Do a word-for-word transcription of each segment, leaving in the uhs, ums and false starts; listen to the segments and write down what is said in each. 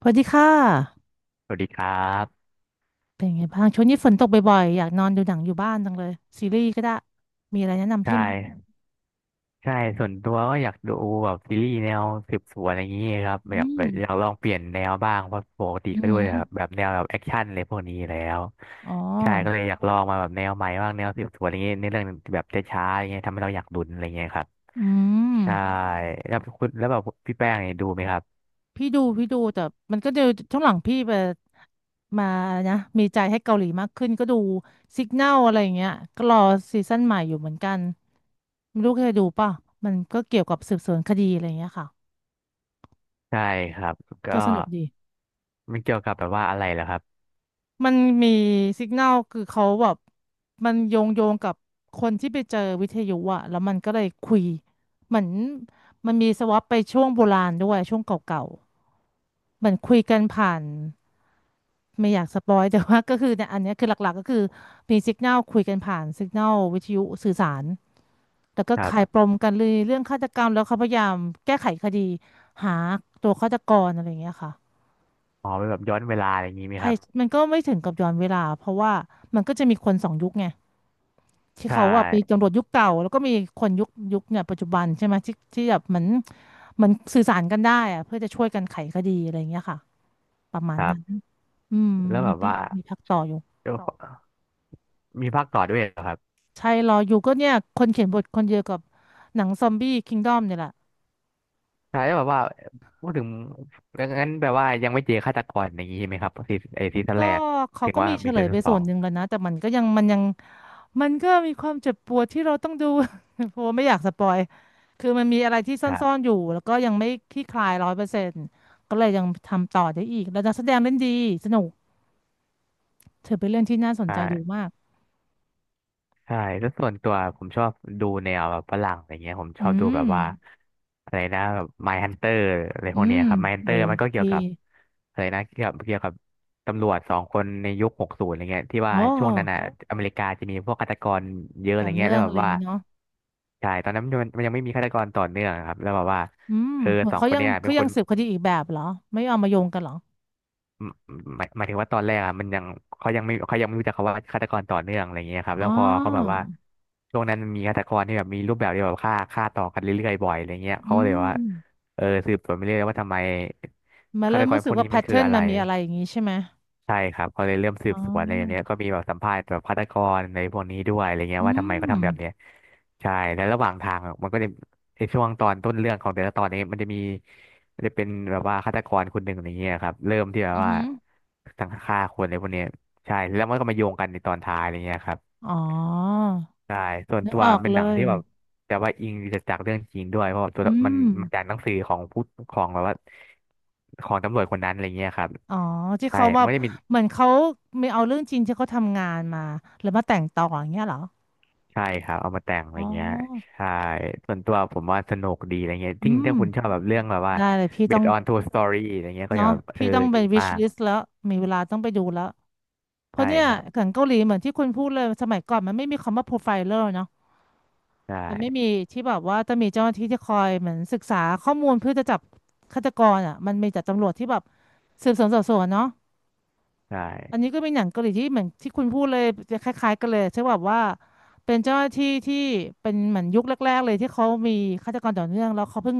สวัสดีค่ะ สวัสดีครับเป็นไงบ้างช่วงนี้ฝนตกบ่อยๆอยากนอนดูหนังอยู่บ้านจังเลยซีรีส์ก็ได้ มีอะไรแนะนำใช่พี่ไหมใช่ส่วนตัวก็อยากดูแบบซีรีส์แนวสืบสวนอะไรอย่างนี้ครับแบอืบแบมบอยากลองเปลี่ยนแนวบ้างเพราะปกติอืก็ด้วมย่แบบแบบแนวแบบแอคชั่นอะไรพวกนี้อยู่แล้วอ๋อใช่ก็เลยอยากลองมาแบบแนวใหม่บ้างแนวสืบสวนอะไรอย่างนี้ในเรื่องแบบช้าๆอย่างเงี้ยทำให้เราอยากลุ้นอะไรอย่างเงี้ยครับอืมใช่แล้วคุณแล้วแบบพี่แป้งเนี่ยดูไหมครับพี่ดูพี่ดูแต่มันก็เดี๋ยวช่วงหลังพี่ไปมานะ มีใจให้เกาหลีมากขึ้นก็ดูสิก n น l อะไรอย่างเงี้ยก็รอซีซั่นใหม่อยู่เหมือนกันไม่รู้เคยดูป่ะมันก็เกี่ยวกับสืบสวนคดีอะไรอย่างเงี้ยค่ะ ใช่ครับก็ก็สนุกดี มันเกี่ยวกับแบบว่าอะไรเหรอครับมันมีสิก n น l คือเขาแบบมันโยงโยงกับคนที่ไปเจอวิทยุอะแล้วมันก็เลยคุยเหมือนมันมีสวอปไปช่วงโบราณด้วยช่วงเก่าๆเหมือนคุยกันผ่านไม่อยากสปอยแต่ว่าก็คือเนี่ยอันเนี้ยคือหลักๆก็คือมีสิก n น l คุยกันผ่านสิก n น l วิทยุสื่อสารแล้วก็ครัคลายปบมกันเลยเรื่องฆาตกรรมแล้วเขาพยายามแก้ไขคดีหาตัวฆาตกรอะไรอย่างเงี้ยค่ะอ๋อเป็นแบบย้อนเวลาอะไรอย่างนี้ไหมใช่ครับมันก็ไม่ถึงกับย้อนเวลาเพราะว่ามันก็จะมีคนสองยุคไง ที่ใชเขาว่าไป่ตำรวจยุคเก่าแล้วก็มีคนยุคยุคเนี่ยปัจจุบันใช่ไหมที่ที่แบบเหมือนเหมือนสื่อสารกันได้อะเพื่อจะช่วยกันไขคดีอะไรอย่างเงี้ยค่ะประมาคณรันั้นบอืมแล้วแบมันบก็ว่า มีพักต่ออยู่มีภาคต่อด้วยเหรอครับใช่รออยู่ก็เนี่ยคนเขียนบทคนเดียวกับหนังซอมบี้คิงดอมเนี่ยแหละ ใช่แล้วแบบว่าพูดถึงงั้นแปลว่ายังไม่เจอฆาตกรอย่างนี้ใช่ไหมครับซีไอซีซั่นก็แรกเขาถึงก็ว่ามีเฉมีลซียไปซั่นสส่อวงนหนึ่งแล้วนะแต่มันก็ยังมันยังมันก็มีความเจ็บปวดที่เราต้องดู เพราะว่าไม่อยากสปอยคือมันมีอะไรที่ซครั่อบนๆอยู่แล้วก็ยังไม่คลี่คลายร้อยเปอร์เซ็นต์ก็เลยยังทำต่อได้อีกแล้วนักแสดงเล่นดีสนุกเธอเป็นเรื่องที่น่าสนใช่ ใจดูมากใช่แล้วส่วนตัวผมชอบดูแนวแบบฝรั่งอะไรเงี้ยผมชอือบดูมแบบว่าอะไรนะแบบ My Hunter อะไรอืพวกเนี้ยมครับ My โอ้ Hunter ยมันก็เกี่ยดีวกับอะไรนะเกี่ยวกับเกี่ยวกับตำรวจสองคนในยุคหกศูนย์อะไรเงี้ยที่อ๋อว่าช่วงนั้นอ่ะอเมริกาจะมีพวกฆาตกรเยอะอะต่อไรเงี้เนื่ยอแล้งวแบอะไรบอย่างว่านี้เนาะใช่ตอนนั้นมันมันยังไม่มีฆาตกรต่อเนื่องครับแล้วแบบว่าอืมเออเหมือนสองเขาคนยังเนี้ยเป็เขานคยังน สืบคดีอีกแบบเหรอไม่เอามาโยงกันเหรอหมายหมายถึงว่าตอนแรกอ่ะมันยังเขายังไม่เขายังไม่รู้จักคำว่าฆาตกรต่อเนื่องอะไรเงี้ยครับอ๋อแล้วพอเขาแบบว่าช่วงนั้นมันมีฆาตกรที่แบบมีรูปแบบที่แบบฆ่าฆ่าต่อกันเรื่อยๆบ่อยอะไรเงี้ยเขาอืก็เลยว่าม เออสืบสวนไปเรื่อยว่าทำไมมาฆาเริ่ตมกรรู้พสึวกกว่านี้แพมันทคือเทิร์นอะไร มันมีอะไรอย่างนี้ใช่ไหม ใช่ครับเขาเลยเริ่มสือ๋บสวนอะไรอย่างเนี้ยอก็มีแบบสัมภาษณ์แบบฆาตกรในพวกนี้ด้วยอะไรเงี้ยอืว่าทำไมเขามทำแบบเนี้ยใช่แล้วระหว่างทางอะมันก็จะในช่วงตอนต้นเรื่องของแต่ละตอนเนี้มันจะมีมันจะเป็นแบบว่าฆาตกรคนหนึ่งอะไรเงี้ยครับเริ่มที่แบบอือว่าหือสังฆ่าคนอะไรพวกเนี้ยใช่แล้วมันก็มาโยงกันในตอนท้ายอะไรเงี้ยครับอ๋อใช่ส่วนนึกตัวออกเป็นเลหนังยที่แบบแต่ว่าอิงจากเรื่องจริงด้วยเพราะว่าตัวอืมันมมันจากหนังสือของผู้ของแบบว่าของตำรวจคนนั้นอะไรเงี้ยครับอ๋อที่ใช่เขาแบามันก็จะมี เหมือนเขามีเอาเรื่องจริงที่เขาทำงานมาแล้วมาแต่งต่ออย่างเงี้ยเหรอ ใช่ครับเอามาแต่งอะไรอ๋อเงี้ยใช่ส่วนตัวผมว่าสนุกดีอะไรเงี้ยอืทิ่งมถ้าคุณชอบแบบเรื่องแบบว่า ได้เลยพี่ต้อง based on true story อะไรเงี้ยก็เนาะจะแบบเออพี่ต้องไป ดีมา wish ก list แล้วมีเวลาต้องไปดูแล้ว เพราะใช่เนี่ยครัหบนังเกาหลีเหมือนที่คุณพูดเลยสมัยก่อนมันไม่มีคำว่า profiler เนาะ ใช่มันไม่มีที่แบบว่าจะมีเจ้าหน้าที่ที่คอยเหมือนศึกษาข้อมูลเพื่อจะจับฆาตกรอ่ะมันมีแต่ตำรวจที่แบบสืบสวนสอบสวนเนาะใช่อันนี้ก็เป็นหนังเกาหลีที่เหมือนที่คุณพูดเลยจะคล้ายๆกันเลยใช่แบบว่าเป็นเจ้าหน้าที่ที่เป็นเหมือนยุคแรกๆเลยที่เขามีฆาตกรต่อเนื่องแล้วเขาเพิ่ง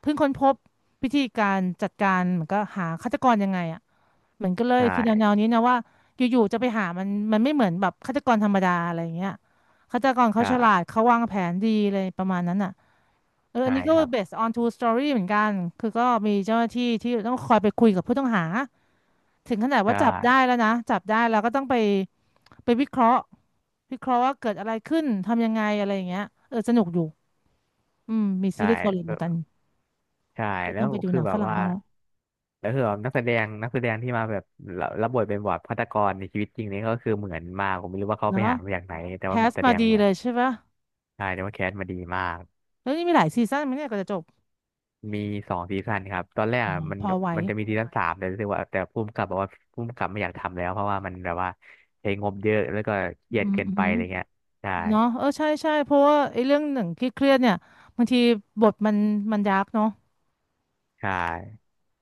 เพิ่งค้นพบวิธีการจัดการเหมือนก็หาฆาตกรยังไงอ่ะเหมือนกันเลใชยคือแนว่ๆนี้นะว่าอยู่ๆจะไปหามันมันไม่เหมือนแบบฆาตกรธรรมดาอะไรอย่างเงี้ยฆาตกรเขาฉลาดใช่เขาวางแผนดีเลยประมาณนั้นอ่ะ เอออัใช่นนี้ก็ ครับ based on true story เหมือนกันคือก็มีเจ้าหน้าที่ที่ต้องคอยไปคุยกับผู้ต้องหาถึงขนาดใชว่าจับได้่แล้วนะจับได้แล้วก็ต้องไปไปวิเคราะห์วิเคราะห์ว่าเกิดอะไรขึ้นทำยังไงอะไรอย่างเงี้ยเออสนุกอยู่อืมมีซีใช่รีส์เกาหลีเอเหอมือนกันใช่เดี๋ยวแล้ต้องวไปดูหคือนังแบฝบรั่งว่าบ้างแล้วแล้วคือแบบนักแสดงนักแสดงที่มาแบบรับรับบทเป็นแบบฆาตกรในชีวิตจริงนี่ก็คือเหมือนมากผมไม่รู้ว่าเขาไปเนาะหามาจากไหนแต่แคว่าสแสมาดงดีเหมือเลนยใช่ปะใช่แต่ว่าแคสมาดีมาก แล้วนี่มีหลายซีซั่นไหมเนี่ยก็จะจบมีสองซีซั่นครับตอนแรกอ๋ออะมันพอไหวมันจะมีซีซั่นสามแต่รู้สึกว่าแต่ผู้กำกับบอกว่าผู้กำกับไม่อยากทำแล้วเพราะว่ามันแบบว่าใช้งบเยอะแล้วก็เครียอืดมเกินอืไปมอะไรเงี้ยใช่เนาะเออใช่ใช่เพราะว่าไอ้เรื่องหนึ่งที่เครียดๆเนี่ยบางทีบทมันมันดาร์กเนาะใช่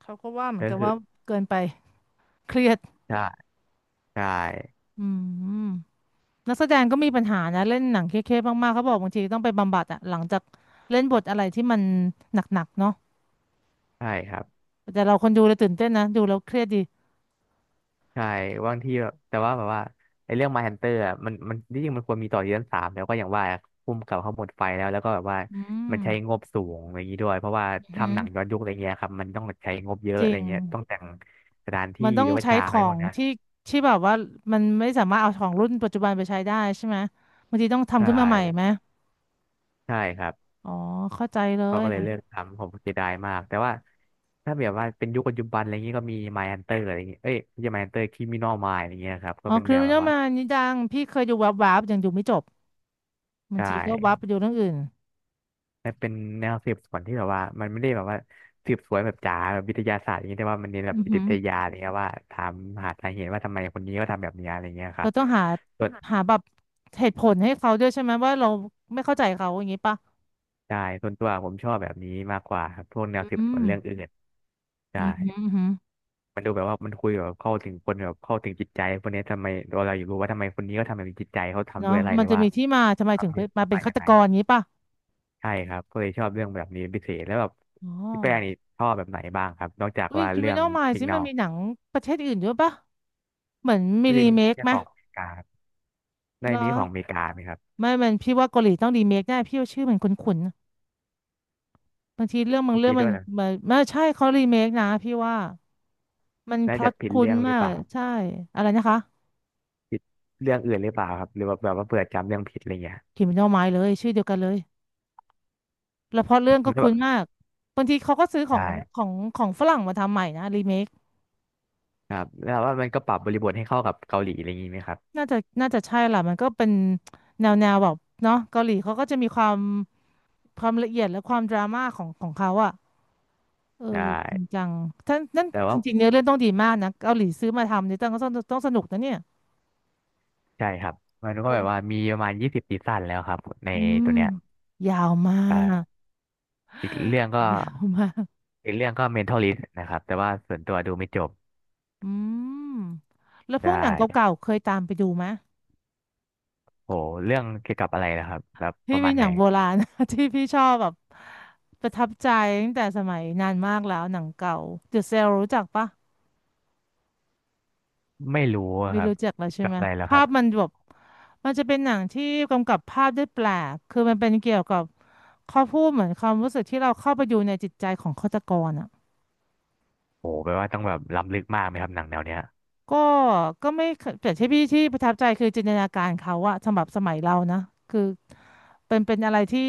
เขาก็ว่าเหมือแล้นวกันคือว่าเกินไปเครียด ใช่ใช่อืมนักแสดงก็มีปัญหานะเล่นหนังเครียดๆมากๆเขาบอกบางทีต้องไปบำบัดอะหลังจากเล่นบทอะไรที่มันหนักๆเนาะใช่ครับแต่เราคนดูเลยตื่นเต้นนะดูแล้วเครียดดีใช่บางทีแบบแต่ว่าแบบว่าไอ้เรื่อง Mindhunter อะมันมันที่จริงมันควรมีต่อซีซั่นสามแล้วก็อย่างว่าผู้กำกับเขาหมดไฟแล้วแล้วก็แบบว่าอืมมันใช้งบสูงอะไรอย่างนี้ด้วยเพราะว่าอือหือทำหนังย้อนยุคอะไรเงี้ยครับมันต้องใช้งบเยอะจอะริไรงเงี้ยต้องแต่งสถานมันต้องใช้ฉากขอะไรอพวกงเนี้ยที่ที่แบบว่ามันไม่สามารถเอาของรุ่นปัจจุบันไปใช้ได้ใช่ไหมบางทีต้องทำใช่ขึ้นมาใหม่ไหมใช่ครับ อ๋อเข้าใจเลเขาก็ยเลยเลิกทำผมเสียดายมากแต่ว่าถ้าแบบว่าเป็นยุคปัจจุบันอะไรเงงี้ยก็มี My Hunter อะไรเงงี้ยเอ้ยไม่ใช่ My Hunter Criminal Minds อะไรเงี้ยครับก็อ๋อ เป็นแนวแบบ Criminal ว่า Minds นี่ดังพี่เคยดูวับๆยังดูไม่จบบางใช่ทีก็วับไปดูเรื่องอื่นและเป็นแนวสืบสวนที่แบบว่ามันไม่ได้แบบว่าสืบสวนแบบจ๋าแบบวิทยาศาสตร์อย่างเงี้ยแต่ว่ามันเน้นแบบอือจิตหือ วิทยาอะไรเงี้ยว่าถามหาสาเหตุว่าทำไมคนนี้ก็ทำแบบเนี้ยอะไรเงี้ยคเรารับต้องหาส่วนหาแบบเหตุผลให้เขาด้วยใช่ไหมว่าเราไม่เข้าใจเขาอย่างนี้ป่ะใช่ส่วนตัวผมชอบแบบนี้มากกว่าครับพวกแนวสือืบสมวนเรื่องอื่นอืใช่ ม อืม อืมมันดูแบบว่ามันคุยแบบเข้าถึงคนแบบเข้าถึงจิตใจคนเนี้ยทำไมเราอยูกรู้ว่าทำไมคนนี้เขาทำแบบนี้จิตใจเขาทำด้เนาะวยอะไรมัหนรือจะว่ามีที่มาทำไมเขาถึงมีไปมาที่เป็นมาฆาจากตไหนกรอย่างนี้ป่ะใช่ครับก็เลยชอบเรื่องแบบนี้ปพิเศษแล้วแบบอ๋อพี่แป้งนี่ชอบแบบไหนบ้างครับนอกจากอุ้ย ว่าเรื่อง Criminal Minds สิกนี่แนมันลมีหนังประเทศอื่นด้วยป่ะเหมือนมีก็จะรีมีเมคเรื่องไหมของอเมริกาครับในเหรอมีของอเมริกาไหมครับไม่ มันพี่ว่าเกาหลีต้องรีเมคแน่พี่ว่าชื่อมันคุ้นๆบางทีเรื่องบางเรื่อมีงมัด้วนยเหรอมันไม่ใช่เขารีเมคนะพี่ว่ามันพน่าล็อจะตผิดคุ้เรื่นองหรืมาอกเปล่าใช่อะไรนะคะ ผิดเรื่องอื่นหรือเปล่าครับหรือว่าแบบว่าเผื่อจำเรื่องผิดอะไรเงี้ย Criminal Minds เลยชื่อเดียวกันเลย แล้วเพราะเรื่องก็แล้วแบคุ้นบมากบางทีเขาก็ซื้อขอใช่งของของฝรั่งมาทำใหม่นะรีเมคครับแล้วว่ามันก็ปรับบริบทให้เข้ากับเกาหลีอะไรอย่างงี้ไหมครับน่าจะน่าจะใช่ล่ะมันก็เป็นแนวแนวแบบเนาะเกาหลีเขาก็จะมีความความละเอียดและความดราม่าของของเขาอะ เออใชจริงจั่ง ท่านนั่นแต่จว่า ริงๆเนื้อเรื่องต้องดีมากนะเกาหลีซื้อมาทำเนี่ยต้องต้องต้องสนุกนะเนี่ยใช่ครับมันก็ครัแบบว่าบมีประมาณยี่สิบซีซั่นแล้วครับในอืมตัวเนี้ยยาวมาอ่กาอีกเรื่องก็ยาวมากอีกเรื่องก็ Mentalist นะครับแต่ว่าส่วนตัวดูไม่จบอืมแล้วพใชวกหนัง่เก่าๆเคยตามไปดูไหม โหเรื่องเกี่ยวกับอะไรนะครับแบบปพี่ระมาเป็นณอไหนย่างโบราณ ที่พี่ชอบแบบประทับใจตั้งแต่สมัยนานมากแล้วหนังเก่าเดอะเซลรู้จักปะไม่รู้อะไม่ครับรู้จักแล้วเกี่ยวใช่กับไหมอะไรแล้วคภารัพมับนแบบมันจะเป็นหนังที่กำกับภาพได้แปลกคือมันเป็นเกี่ยวกับเขาพูดเหมือนความรู้สึกที่เราเข้าไปอยู่ในจิตใจของฆาตกรอ่ะโหแปลว่าต้องแบบล้ำลึกมากไหมครับหนังแนวเนี้ยก็ก็ไม่เคยแต่ที่พี่ที่ประทับใจคือจินตนาการเขาอะสำหรับสมัยเรานะคือเป็นเป็นอะไรที่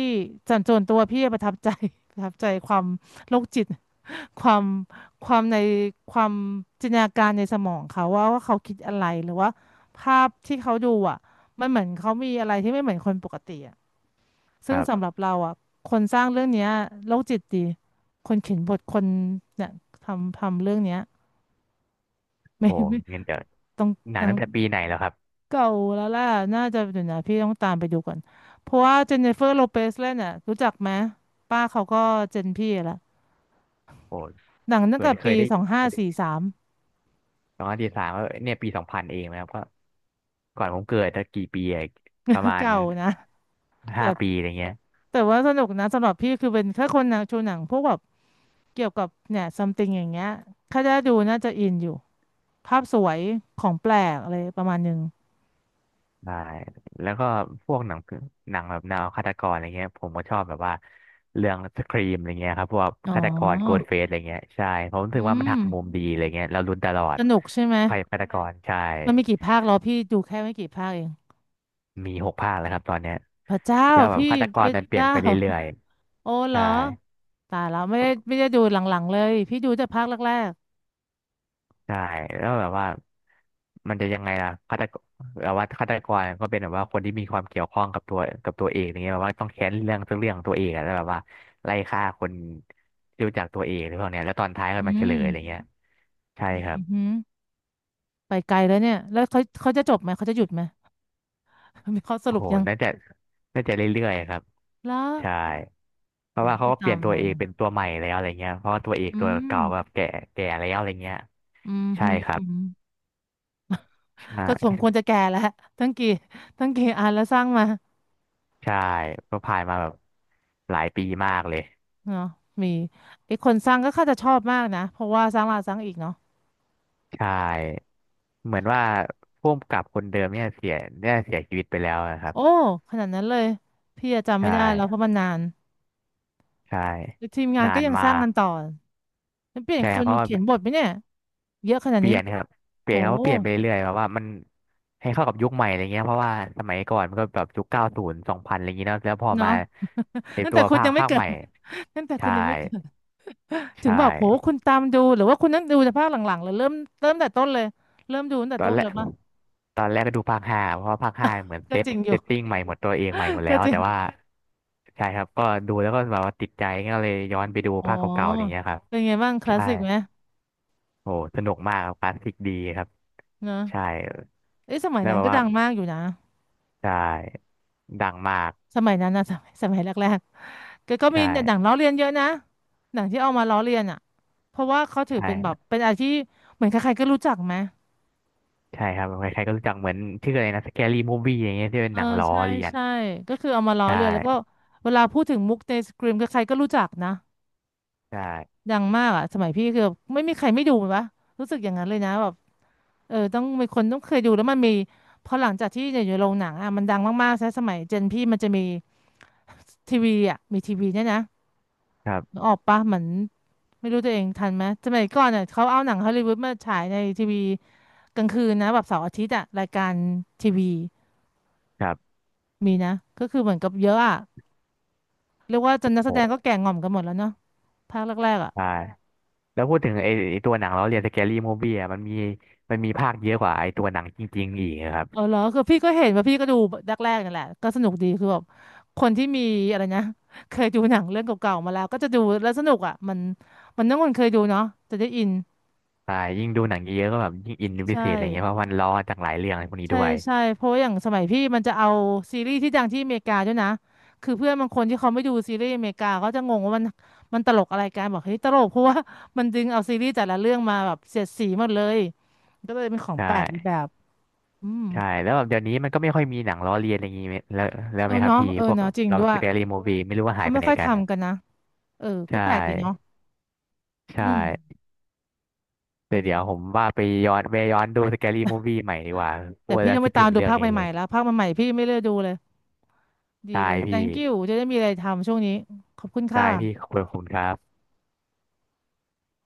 ส่วนตัวพี่ประทับใจ ประทับใจความโรคจิต ความความในความจินตนาการในสมองเขาว่าว่าเขาคิดอะไรหรือว่าภาพที่เขาดูอ่ะมันเหมือนเขามีอะไรที่ไม่เหมือนคนปกติอ่ะคซึ่งรัสำหบรับเราอ่ะคนสร้างเรื่องเนี้ยโรคจิตดีคนเขียนบทคนเนี่ยทำทำเรื่องเนี้ยไม่โหไม่งั้นเดี๋ยวต้องหนัต้งองตั้งแต่ปีไหนแล้วครับเก่าแล้วล่ะน่าจะเดี๋ยวนะพี่ต้องตามไปดูก่อนเพราะว่าเจนนิเฟอร์โลเปซเล่นอ่ะรู้จักไหมป้าเขาก็เจนพี่ละโหหนังตั้เหงมือแต่นเคปียได้สองห้าสี่สาม สองพันสิบสามก็เนี่ยปีสองพันเองนะครับก็ก่อนผมเกิดตั้งกี่ปีอะประ มาณเก่านะแต่ ห้าปีอะไรเงี้ย แต่ว่าสนุกนะสำหรับพี่คือเป็นแค่คนหนังชูหนังพวกแบบเกี่ยวกับเนี่ยซัมติงอย่างเงี้ยถ้าได้ดูน่าจะอินอยู่ภาพสวยของแปลกอะไรประมาณหนึงใช่แล้วก็พวกหนังผีหนังแบบแนวฆาตกรอะไรเงี้ยผมก็ชอบแบบว่าเรื่องสครีมอะไรเงี้ยครับพวกอ๋อฆาตกรโกดเฟสอะไรเงี้ยใช่ผมรู้สึกอืว่ามันมหักมุมดีอะไรเงี้ยเราลุ้นตลอดสนุกใช่ไหมว่าใครเป็นฆาตกรใช่มันมีกี่ภาคเหรอพี่ดูแค่ไม่กี่ภาคเองมีหกภาคแล้วครับตอนเนี้ยพระเจ้าแล้วแบบพี่ฆาตกพรระมันเปลี่ยนเจ้าไปเรื่อยโอ้ๆเหรใช่ อตายแล้วไม่ได้ไม่ได้ดูหลังๆเลยพี่ดูแต่ภาคแรกใช่แล้วแบบว่ามันจะยังไงล่ะฆาตกรแบบว่าฆาตกรก็เป็นแบบว่าคนที่มีความเกี่ยวข้องกับตัวกับตัวเองอย่างเงี้ยแบบว่าต้องแค้นเรื่องสักเรื่องของตัวเองอะแล้วแบบว่าไล่ฆ่าคนที่รู้จักตัวเองหรือพวกเนี้ยแล้วตอนท้ายๆก็อืมาเฉลมยอะไรเงี้ยใช่อืครับอหือไปไกลแล้วเนี่ยแล้วเขาเขาจะจบไหมเขาจะหยุดไหมมีข้อสโอ้รุโหปยังน่าจะน่าจะเรื่อยๆครับแล้วใช่เพผราะมว่าไม่เขาได้ก็เปตาลี่ยมนตัวนะ เอกเป็นตัวใหม่แล้วอะไรเงี้ยเพราะว่าตัวเอกอืตัวมเก่าแบบแก่แก่แล้วอะไรเงี้ยอืมใช่ฮึครัอืบมใชก็สม่ควรจะแก่แล้วทั้งกี่ทั้งกี่อันแล้วสร้างมาใช่ก็ผ่านมาแบบหลายปีมากเลยเนาะมีไอ้คนสร้างก็ค่าจะชอบมากนะเพราะว่าสร้างแลาสร้างอีกเนาะใช่ เหมือนว่าผู้กำกับคนเดิมเนี่ยเสียเนี่ยเสียชีวิตไปแล้วนะครับโอ้ขนาดนั้นเลยพี่อะจำใชไม่ได้แล้วเพ่ราะมันนานใช่แล้วทีมงานนาก็นยังสร้างมากกันต่อแล้วเปลี่ยนใช่คครับนเพราะว่าเขียนบทไหมเนี่ยเยอะขนาดเปลี่นี้ยนครับเปลี่โหยนเขาก็เปลี่ยนไปเรื่อยๆแบบว่ามันให้เข้ากับยุคใหม่อะไรเงี้ยเพราะว่าสมัยก่อนมันก็แบบยุคเก้าศูนย์สองพันอะไรเงงี้ยเนอะแล้วพอเนาะ มาไอ ตั้งตัแต่วคุณภาคยังไม่ภาคเกิใหด ม่ ตั้งแต่คุใช่ณยังไม่เกิดถึงใช่ บอกโหคุณตามดูหรือว่าคุณนั่งดูแต่ภาคหลังๆเลยเริ่มเริ่มแต่ต้นเลยเริ่มดูตั้งแต่ตอนต้นแรเลกยป่ะตอนแรกก็ดูภาคห้าเพราะว่าภาคห้าเหมือนเซก็ตจริงอเซยู่ ตติ้งใหม่หมดตัวเองใหม่หมดแล้ก็วจริแต่ว่างใช่ครับก็ดูแล้วก็แบบว่าติดใจก็เลยย้อนไปดูอ๋อภาคเก่าๆอย่างเงี้ยครับเป็นไงบ้างคลาสใช่สิกไหมโอ้สนุกมากครับคลาสสิกดีครับเนอะใช่เอ้ยสมัยแล้วนั้นแบบก็ว่าดังมากอยู่นะใช่ดังมากสมัยนั้นนะ สมัยสมัยแรกๆก็ก็ใมีหนังช่ล้อเลียนเยอะนะหนังที่เอามาล้อเลียนอ่ะเพราะว่าเขาถืใชอเป็นแบบ่เป็นอะไรที่เหมือนใครๆก็รู้จักไหมใช่ครับใครๆก็รู้จักเหมือนชื่ออะไรนะสแกรี่มูฟวี่อย่างเงี้ยที่เป็เอนอหนังล้อใช่เลียนใช่ก็คือเอามาล้อใช่เลียนแล้วก็เวลาพูดถึงมุกในสกรีมใครๆก็รู้จักนะใช่ดังมากอ่ะสมัยพี่คือแบบไม่มีใครไม่ดูเลยวะรู้สึกอย่างนั้นเลยนะแบบ เออต้องมีคนต้องเคยดูแล้วมันมีพอหลังจากที่อยู่ในโรงหนังอ่ะมันดังมากๆใช่สมัยเจนพี่มันจะมีทีวีอ่ะมีทีวีเนี่ยนะใช่ครันึกบออกปะเหมือนไม่รู้ตัวเองทันไหมสมัยก่อนอ่ะเขาเอาหนังฮอลลีวูดมาฉายในทีวีกลางคืนนะแบบเสาร์อาทิตย์อ่ะรายการทีวีครับมีนะก็คือเหมือนกับเยอะอ่ะเรียกว่าจนนักโอแสดงก็้แก่ง่อมกันหมดแล้วเนาะภาคแรกๆอ่ะ ใช่ แล้วพูดถึงไอ้ไอ้ตัวหนังเราเรียนสแกรี่มูฟวี่อะมันมีมันมีภาคเยอะกว่าไอ้ตัวหนังจริงๆอีกครับเออเหรอคือพี่ก็เห็นว่าพี่ก็ดูแรกๆนั่นแหละก็สนุกดีคือแบบคนที่มีอะไรนะ เคยดูหนังเรื่องเก่าๆมาแล้วก็จะดูแล้วสนุกอ่ะมันมันต้องคนเคยดูเนาะจะได้อินใช่ยิ่งดูหนังเยอะก็แบบยิ่งอินเป็นพิใช่เศษอะไรเงี้ยเพราะมันล้อจากหลายเรื่องอะไรพวกนี้ใช่ด้วย ใช่เพราะว่าอย่างสมัยพี่มันจะเอาซีรีส์ที่ดังที่อเมริกาด้วยนะคือเพื่อนบางคนที่เขาไม่ดูซีรีส์อเมริกาเขาจะงงว่ามันมันตลกอะไรกันบอกเฮ้ยตลกเพราะว่า มันดึงเอาซีรีส์แต่ละเรื่องมาแบบเสียดสีหมดเลยก็เลยเป็นของใชแปลกอีกแบ่บอืมใช่แล้วแบบเดี๋ยวนี้มันก็ไม่ค่อยมีหนังล้อเลียนอะไรอย่างงี้ไหมแล้วแล้วเอไหอมครับเนาะพี่เออพวกเนาะจริงเราด้วยสแกรี่มูฟวี่ไม่รู้ว่าหาเขายไปไม่ไหนค่อยกัน ทำกันนะ เออ ก็ใช่แปลกดีเนาะใชอืม่แต่ก็เดี๋ยวผดีมว่าไปย้อนไปย้อนดูสแกรี่มูฟวี่ใหม่ดีกว่าพูแต่ดพี่แล้วต้องไปคิดตาถึมงดูเรื่องภาคนี้เลใหยม่ๆแล้วภาคใหม่ๆพี่ไม่เลือกดูเลย ดีได้เลย พี่ thank you จะได้มีอะไรทำช่วงนี้ ขอบคุณค่ะได้พี่ขอบคุณครับ